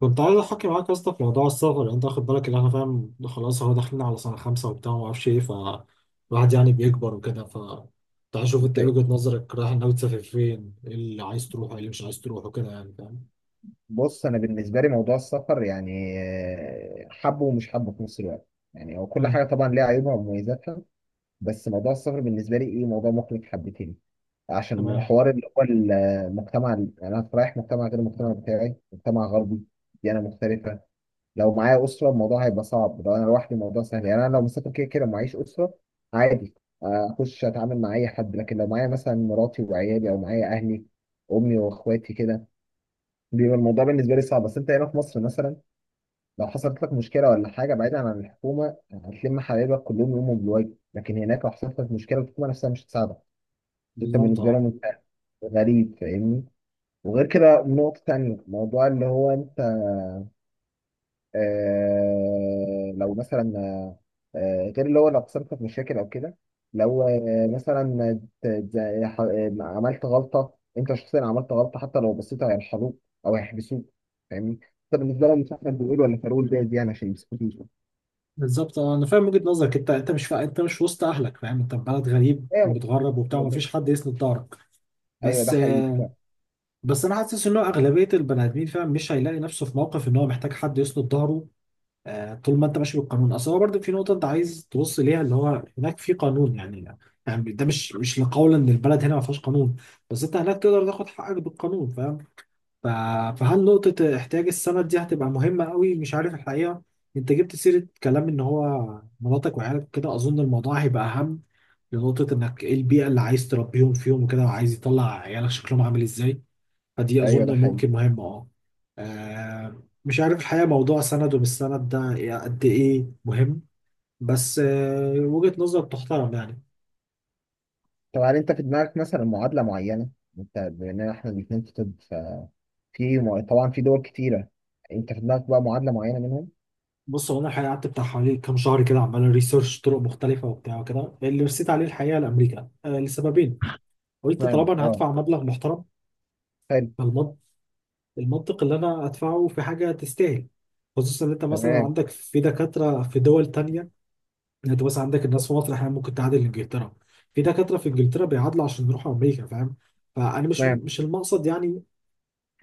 كنت عايز احكي معاك يا اسطى في موضوع السفر. يعني انت واخد بالك ان احنا فاهم، خلاص هو داخلين على سنه خمسه وبتاع وما اعرفش ايه، فالواحد يعني بيكبر وكده. تعال شوف انت ايه طيب. وجهه نظرك، رايح ناوي تسافر فين، ايه اللي عايز تروحه ايه اللي مش عايز تروحه، كده يعني فاهم. بص، انا بالنسبه لي موضوع السفر يعني حبه ومش حبه في نفس الوقت. يعني هو كل امم حاجه طبعا ليها عيوبها ومميزاتها. بس موضوع السفر بالنسبه لي ايه، موضوع مقلق حبتين. عشان تمام. حوار اللي هو المجتمع، يعني انا رايح مجتمع غير المجتمع بتاعي، مجتمع غربي، ديانه مختلفه. لو معايا اسره الموضوع هيبقى صعب، لو انا لوحدي الموضوع سهل. يعني انا لو مسافر كده كده ومعيش اسره عادي، اخش اتعامل مع اي حد. لكن لو معايا مثلا مراتي وعيالي او معايا اهلي، امي واخواتي كده، بيبقى الموضوع بالنسبه لي صعب. بس انت هنا في مصر مثلا، لو حصلت لك مشكله ولا حاجه بعيدا عن الحكومه هتلم حبايبك كلهم يقوموا بالواجب. لكن هناك لو حصلت لك مشكله الحكومه نفسها مش هتساعدك. انت بالظبط بالنسبه اه. لهم انت غريب، فاهمني؟ وغير كده نقطه تانيه، موضوع اللي هو انت آه لو مثلا آه غير اللي هو لو خسرت في مشاكل او كده، لو آه مثلا عملت غلطه، انت شخصيا عملت غلطه حتى لو بسيطه هيرحلوك او هيحبسوك. فاهمني؟ انت بالنسبه لهم مش احمد بيقول ولا فاروق، ده دي انا عشان يمسكوني. بالظبط اه، انا فاهم وجهه نظرك، انت مش وسط اهلك فاهم، انت في بلد غريب ايوه، ومتغرب وبتاع ومفيش حد يسند ظهرك. ايوه ده بس حقيقي. بس انا حاسس ان هو اغلبيه البني ادمين فاهم، مش هيلاقي نفسه في موقف ان هو محتاج حد يسند ظهره. طول ما انت ماشي بالقانون، اصل هو برضه في نقطه انت عايز تبص ليها، اللي هو هناك في قانون يعني. يعني ده مش لقول ان البلد هنا ما فيهاش قانون، بس انت هناك تقدر تاخد حقك بالقانون فاهم. ف- فهل نقطه احتياج السند دي هتبقى مهمه قوي، مش عارف الحقيقه. انت جبت سيره كلام ان هو مراتك وعيالك كده، اظن الموضوع هيبقى اهم لنقطه انك ايه البيئه اللي عايز تربيهم فيهم وكده، وعايز يطلع عيالك شكلهم عامل ازاي. دي ايوه ده أظن حقيقي. ممكن مهمة أه. مش عارف الحقيقة موضوع سند ومش سند ده إيه، قد إيه مهم. بس وجهة نظر تحترم يعني. طب هل انت في دماغك مثلا معادله معينه؟ انت بما ان احنا الاثنين في طب ففي طبعا في دول كتيره، انت في دماغك بقى معادله معينه منهم؟ بص هو أنا الحقيقة قعدت بتاع حوالي كام شهر كده، عمال ريسيرش طرق مختلفة وبتاع وكده، اللي رسيت عليه الحقيقة لأمريكا لسببين. قلت نعم طالما أنا اه. هدفع مبلغ محترم، فالمنطق المنطق اللي أنا أدفعه في حاجة تستاهل، خصوصا إن أنت مثلا تمام. عندك في دكاترة في دول تانية. يعني انت مثلا عندك الناس في مصر احيانا ممكن تعادل انجلترا، في دكاتره في انجلترا بيعادلوا عشان يروحوا امريكا فاهم. فانا مش تمام. مش المقصد يعني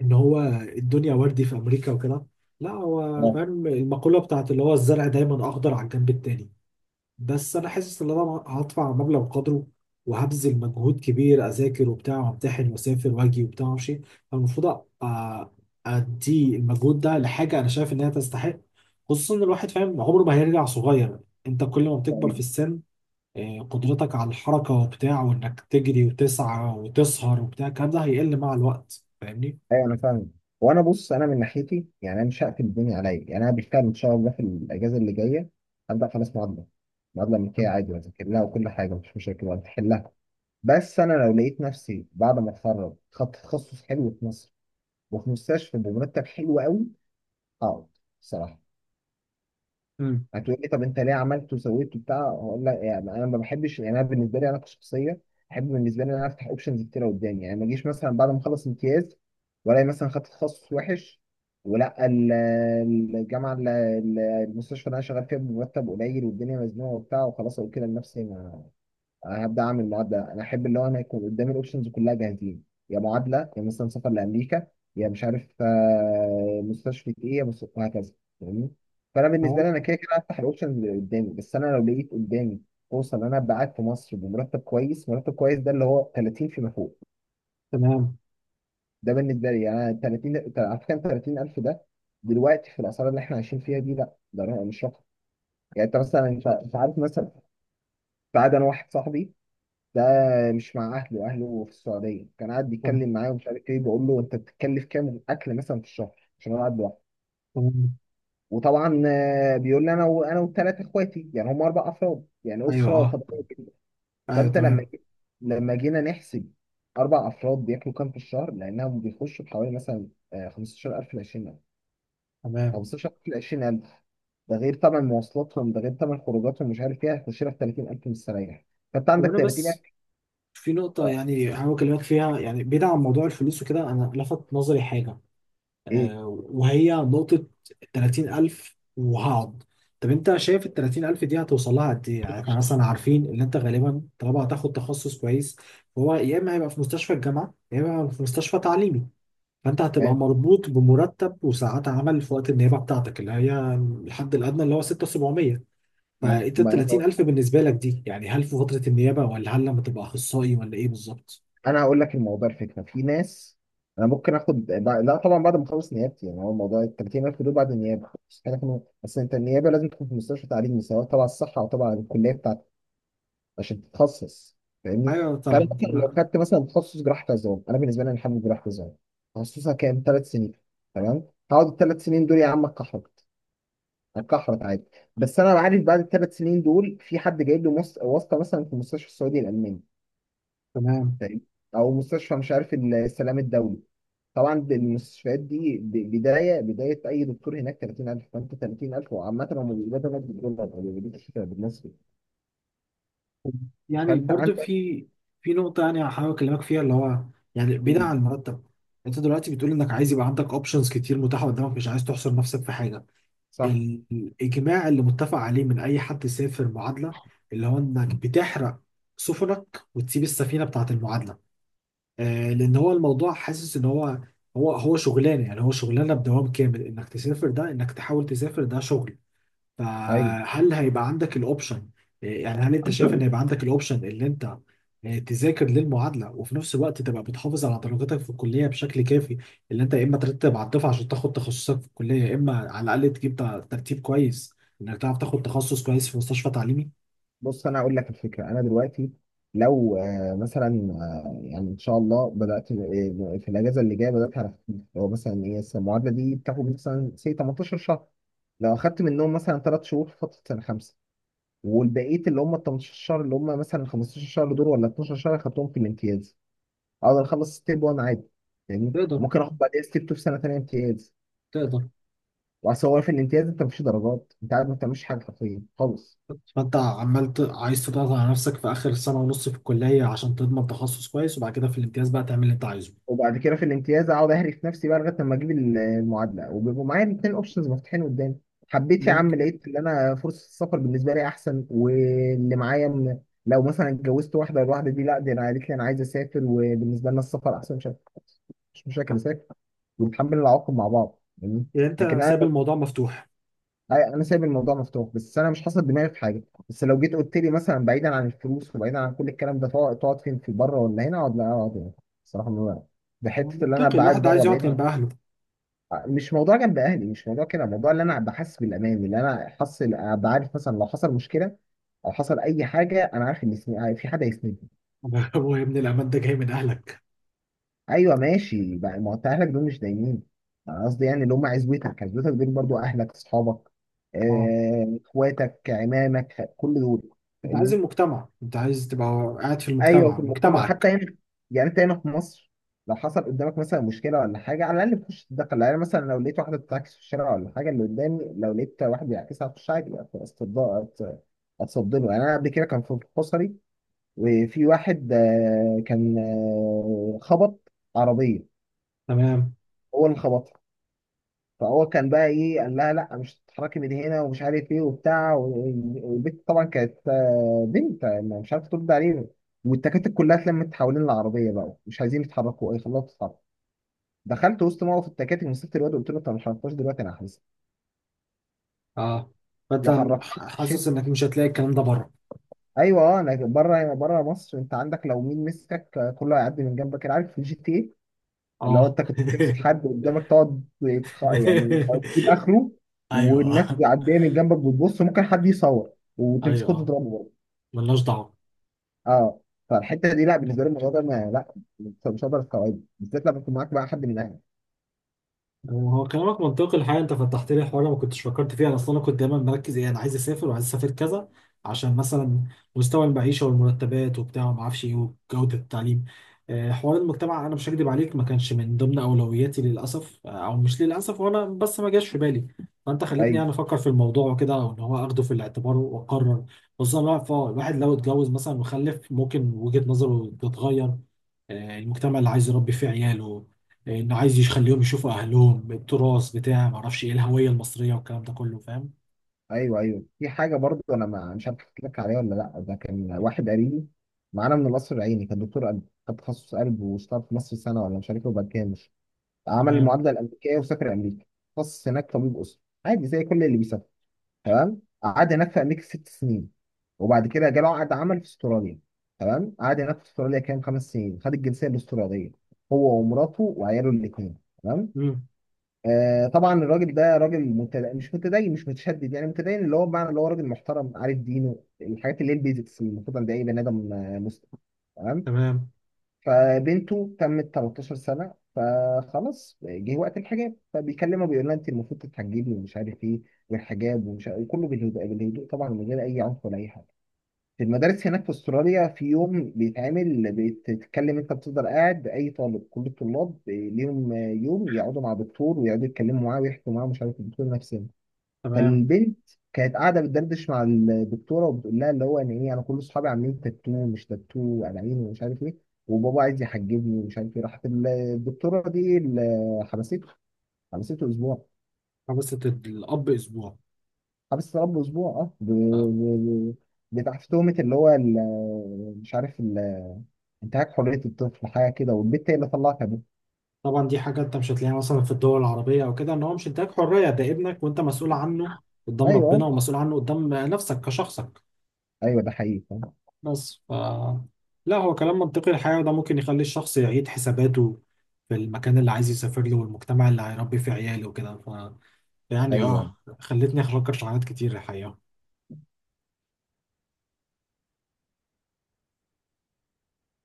ان هو الدنيا وردي في امريكا وكده، لا هو انا. فاهم المقوله بتاعت اللي هو الزرع دايما اخضر على الجنب التاني. بس انا حاسس ان انا هدفع مبلغ قدره، وهبذل مجهود كبير، اذاكر وبتاع وامتحن واسافر واجي وبتاع وامشي. فالمفروض أ- ادي المجهود ده لحاجه انا شايف انها تستحق، خصوصا ان الواحد فاهم عمره ما هيرجع صغير. انت كل ما بتكبر في طيب. السن قدرتك على الحركة وبتاع وإنك تجري وتسعى وتسهر وبتاع الكلام ده هيقل مع الوقت فاهمني؟ ايوه انا فاهم. وانا بص، انا من ناحيتي يعني انا مش هقفل الدنيا عليا. يعني انا بالفعل ان شاء الله في الاجازه اللي جايه هبدا خلاص معادله، معادله امريكيه تم- عادي واذاكر لها وكل حاجه مش مشاكل وهتحلها. بس انا لو لقيت نفسي بعد ما اتخرج خدت تخصص حلو في مصر وفي مستشفى بمرتب حلو قوي هقعد. الصراحه، مم. هتقول لي طب انت ليه عملت وسويت وبتاع؟ هقول لك يعني انا ما بحبش، يعني انا بالنسبه لي انا كشخصيه احب بالنسبه لي ان انا افتح اوبشنز كتيره قدامي. يعني ما اجيش مثلا بعد ما اخلص امتياز والاقي مثلا خدت تخصص وحش ولا الجامعه، المستشفى اللي انا شغال فيها بمرتب قليل والدنيا مزنوقه وبتاع، وخلاص اقول كده لنفسي انا هبدا اعمل معادله. انا احب اللي هو انا يكون قدامي الاوبشنز كلها جاهزين، يا معادله يا مثلا سفر لامريكا يا مش عارف مستشفى ايه يا وهكذا، فاهمني؟ فانا بالنسبه تمام. لي انا كده كده هفتح الاوبشنز اللي قدامي. بس انا لو لقيت قدامي فرصه ان انا ابقى قاعد في مصر بمرتب كويس، مرتب كويس ده اللي هو 30 فيما فوق، تمام. ده بالنسبه لي يعني. 30 على فكره، 30,000 ده دلوقتي في الاسعار اللي احنا عايشين فيها دي لا، ده مش رقم. يعني انت مثلا، انت انت عارف مثلا، بعد انا واحد صاحبي ده مش مع اهله، اهله في السعوديه، كان قاعد تم- بيتكلم معايا ومش عارف ايه، بقول له انت بتتكلف كام اكل مثلا في الشهر عشان انا قاعد لوحدي. تمام. وطبعا بيقول لي انا انا والثلاث اخواتي، يعني هم اربع افراد، يعني أيوه اسره أه. طبيعيه جدا. أيوه فانت لما، تمام. لما جينا نحسب اربع افراد بياكلوا كام في الشهر، لانهم بيخشوا بحوالي مثلا 15,000 ل 20,000، تمام. 15,000 ل 20,000. ده غير طبعا مواصلاتهم، ده غير طبعا خروجاتهم مش عارف ايه، هيخش لك 30,000 مستريح. فانت عندك وأنا بس 30,000. في نقطة اه. يعني هحاول أكلمك فيها، يعني بعيد عن موضوع الفلوس وكده، أنا لفت نظري حاجة، ايه. وهي نقطة 30,000 وهقعد. طب أنت شايف ال 30,000 دي هتوصل لها قد إيه؟ يعني إحنا مثلا عارفين إن أنت غالبا طالما هتاخد تخصص كويس، فهو يا إما هيبقى في مستشفى الجامعة يا إما هيبقى في مستشفى تعليمي، فأنت هتبقى آه، مربوط بمرتب وساعات عمل في وقت النيابة بتاعتك اللي هي الحد الأدنى اللي هو 6,700. ما فأنت ال ما 30,000 بالنسبة لك دي يعني هل في فترة النيابة ولا هل لما تبقى أخصائي ولا إيه بالظبط؟ انا هقول لك الموضوع، الفكره في ناس انا ممكن اخد لا طبعا بعد ما اخلص نيابتي. يعني هو موضوع ال 30,000 دول بعد النيابه، مستحيل اكون. بس انت النيابه لازم تكون في مستشفى تعليمي سواء تبع الصحه او تبع الكليه بتاعتك عشان تتخصص، فاهمني؟ أيوه. فانا طب مثلا لو ما. خدت مثلا تخصص جراحه عظام، انا بالنسبه لي انا حابب جراحه عظام، تخصصها كام؟ ثلاث سنين. تمام. هقعد الثلاث سنين دول يا عم اتكحرت، اتكحرت عادي. بس انا عارف بعد الثلاث سنين دول في حد جايب له واسطه مثلا في المستشفى السعودي الالماني، تمام. فاهمني؟ او مستشفى مش عارف السلام الدولي. طبعا المستشفيات دي بدايه اي دكتور هناك 30,000، فانت 30,000. وعامه هم بيقبضوا هناك بالدولار ما بيقبضوش بالمصري، يعني فانت برضو عندك. في نقطة يعني هحاول أكلمك فيها اللي هو، يعني بعيدا عن المرتب، أنت دلوقتي بتقول إنك عايز يبقى عندك أوبشنز كتير متاحة قدامك، مش عايز تحصر نفسك في حاجة. صح. الإجماع اللي متفق عليه من أي حد سافر معادلة، اللي هو إنك بتحرق سفنك وتسيب السفينة بتاعة المعادلة. آه، لأن هو الموضوع حاسس إن هو هو شغلانة، يعني هو شغلانة بدوام كامل، إنك تسافر ده إنك تحاول تسافر ده شغل. ايوه. فهل هيبقى عندك الاوبشن. يعني هل انت شايف ان هيبقى عندك الاوبشن اللي انت تذاكر للمعادله وفي نفس الوقت تبقى بتحافظ على درجاتك في الكليه بشكل كافي، اللي انت يا اما ترتب على الدفعه عشان تاخد تخصصك في الكليه، يا اما على الاقل تجيب ترتيب كويس انك تعرف تاخد تخصص كويس في مستشفى تعليمي. بص انا اقول لك الفكره. انا دلوقتي لو مثلا يعني ان شاء الله بدات في الاجازه اللي جايه بدات على خفيف، هو مثلا ايه، بس المعادله دي بتاخد مثلا سي 18 شهر. لو اخدت منهم مثلا 3 شهور في فتره سنه خمسه، والبقيه اللي هم ال 18 شهر اللي هم مثلا 15 شهر دول ولا 12 شهر اخدتهم في الامتياز، اقدر اخلص ستيب 1 عادي. يعني تقدر. ممكن اخد بعديها ستيب 2 في سنه ثانيه امتياز. تقدر. واصل هو في الامتياز انت مفيش درجات، انت قاعد ما بتعملش حاجه حرفيا خالص. فانت عمال عايز تضغط على نفسك في اخر سنه ونص في الكليه عشان تضمن تخصص كويس، وبعد كده في الامتياز بقى تعمل اللي انت عايزه. وبعد كده في الامتياز اقعد اهري في نفسي بقى لغايه لما اجيب المعادله، وبيبقوا معايا الاثنين اوبشنز مفتوحين قدامي. حبيت يا عم، ممكن. لقيت ان انا فرصه السفر بالنسبه لي احسن واللي معايا من، لو مثلا اتجوزت واحده الواحده دي لا دي انا قالت لي انا عايز اسافر وبالنسبه لنا السفر احسن مش مشاكل، اسافر ونتحمل العواقب مع بعض يعني. يعني انت لكن انا، سايب الموضوع مفتوح. انا سايب الموضوع مفتوح بس انا مش حاصل دماغي في حاجه. بس لو جيت قلت لي مثلا بعيدا عن الفلوس وبعيدا عن كل الكلام ده تقعد، تقعد فين، في بره ولا هنا؟ اقعد، لا اقعد هنا. الصراحه بحته اللي انا منطقي، أبقى قاعد الواحد بره عايز يقعد بعيد عن. جنب اهله. مش موضوع جنب اهلي، مش موضوع كده، موضوع اللي انا أبقى حاسس بالامان، اللي انا حاسس أبقى عارف مثلا لو حصل مشكله او حصل اي حاجه انا عارف ان في، في حد هيسندني. هو يا ابني الأمان ده جاي من أهلك. ايوه ماشي بقى، ما هو انت اهلك دول مش دايمين. انا قصدي يعني اللي هم عزوتك، عزوتك دول برضو اهلك، اصحابك، اه. اخواتك، عمامك، كل دول، أنت عايز فاهمني؟ المجتمع، أنت عايز تبقى قاعد في ايوه، المجتمع في المجتمع حتى مجتمعك. هنا. يعني انت هنا في مصر لو حصل قدامك مثلا مشكله ولا حاجه على الاقل تخش تتدخل. يعني مثلا لو لقيت واحده بتعكس في الشارع ولا حاجه اللي قدامي لو لقيت واحد بيعكسها هخش عادي اتصدمه، اتصدمه. يعني انا قبل كده كان في حصري وفي واحد كان خبط عربيه، تمام. هو اللي خبطها. فهو كان بقى ايه، قال لها لا مش هتتحركي من هنا ومش عارف ايه وبتاع والبنت طبعا كانت بنت مش عارفه ترد عليه. والتكاتك كلها اتلمت حوالين العربيه بقى مش عايزين يتحركوا، ايه خلاها تتحرك. دخلت وسط موقف التكاتك، مسكت الواد قلت له انت ما حركتهاش دلوقتي انا هحبسك، اه. فأنت وحركتها حاسس الشيت. إنك مش هتلاقي الكلام ده بره. ايوه، اه انا بره، بره مصر انت عندك لو مين مسكك كله هيعدي من جنبك. أنا عارف في الجي تي إيه، لو اه انت كنت بتمسك حد قدامك تقعد تجيب اخره، والناس أيوه. بيعديها من جنبك بتبص، ممكن حد يصور وتمسكه أيوه. تضربه برضه. ملناش دعوة. اه. فالحته دي لا، بالنسبه لي الموضوع ده انا لا مش، هقدر استوعبه بالذات لما يكون معاك بقى حد من اهلك. هو كلامك منطقي الحقيقه، انت فتحت لي حوار ما كنتش فكرت فيه، انا اصلا كنت دايما مركز ايه، انا عايز اسافر وعايز اسافر كذا عشان مثلا مستوى المعيشه والمرتبات وبتاع وما اعرفش ايه، وجوده التعليم، حوار المجتمع انا مش هكدب عليك ما كانش من ضمن اولوياتي للاسف، او مش للاسف وانا بس ما جاش في بالي. فانت خلتني ايوه يعني افكر في الموضوع وكده، وان هو اخده في الاعتبار واقرر. خصوصا الواحد الواحد لو اتجوز مثلا وخلف ممكن وجهه نظره تتغير، المجتمع اللي عايز يربي فيه عياله، انه عايز يخليهم يشوفوا اهلهم التراث بتاع ما اعرفش ايه، الهويه المصريه والكلام ده كله فاهم. ايوه، في حاجه برضه انا ما مش عارف احكي لك عليها ولا لا. ده كان واحد قريبي معانا من القصر العيني، كان دكتور قلب. خد تخصص قلب واشتغل في مصر سنه ولا مش عارف ايه، وبعد كده مش عمل تمام. المعادله الامريكيه وسافر امريكا. تخصص هناك طبيب اسره عادي زي كل اللي بيسافر. تمام. قعد هناك في امريكا ست سنين، وبعد كده جاله عقد عمل في استراليا. تمام. قعد هناك في استراليا كام، خمس سنين، خد الجنسيه الاستراليه هو ومراته وعياله الاثنين. تمام. امم. آه طبعا الراجل ده راجل مش متدين، مش متشدد، يعني متدين اللي هو بمعنى اللي هو راجل محترم عارف دينه، الحاجات اللي هي البيزكس اللي المفروض عند اي بني ادم مسلم. تمام. تمام. فبنته تمت 13 سنة فخلاص جه وقت الحجاب، فبيكلمها بيقول لها انت المفروض تتحجبي ومش عارف ايه والحجاب ومش عارف، وكله بالهدوء، بالهدوء طبعا من غير اي عنف ولا اي حاجة. في المدارس هناك في استراليا في يوم بيتعمل، بتتكلم انت بتفضل قاعد، اي طالب كل الطلاب ليهم يوم يقعدوا مع دكتور ويقعدوا يتكلموا معاه ويحكوا معاه مش عارف. الدكتور نفسه كان تمام. بنت، كانت قاعده بتدردش مع الدكتوره وبتقول لها اللي هو ان ايه، انا كل اصحابي عاملين تاتو مش تاتو انانين ومش عارف ايه، وبابا عايز يحجبني ومش عارف ايه. راحت الدكتوره دي اللي، حبسته. حبسته اسبوع. حبسة الاب اسبوع حبس رب اسبوع اه، آه. بتاع في تهمه اللي هو مش عارف انتهاك حريه الطفل حاجه كده، والبنت هي اللي طلعت ابوه. طبعا دي حاجه انت مش هتلاقيها مثلا في الدول العربيه او كده، ان هو مش اداك حريه، ده ابنك وانت مسؤول عنه قدام ربنا ايوه، ومسؤول عنه قدام نفسك كشخصك. ايوه ده حقيقي أه، بس ف لا هو كلام منطقي الحقيقه، وده ممكن يخلي الشخص يعيد حساباته في المكان اللي عايز يسافر له والمجتمع اللي هيربي فيه عياله وكده. يعني ايوه. اه خلتني افكر في حاجات كتير الحقيقه.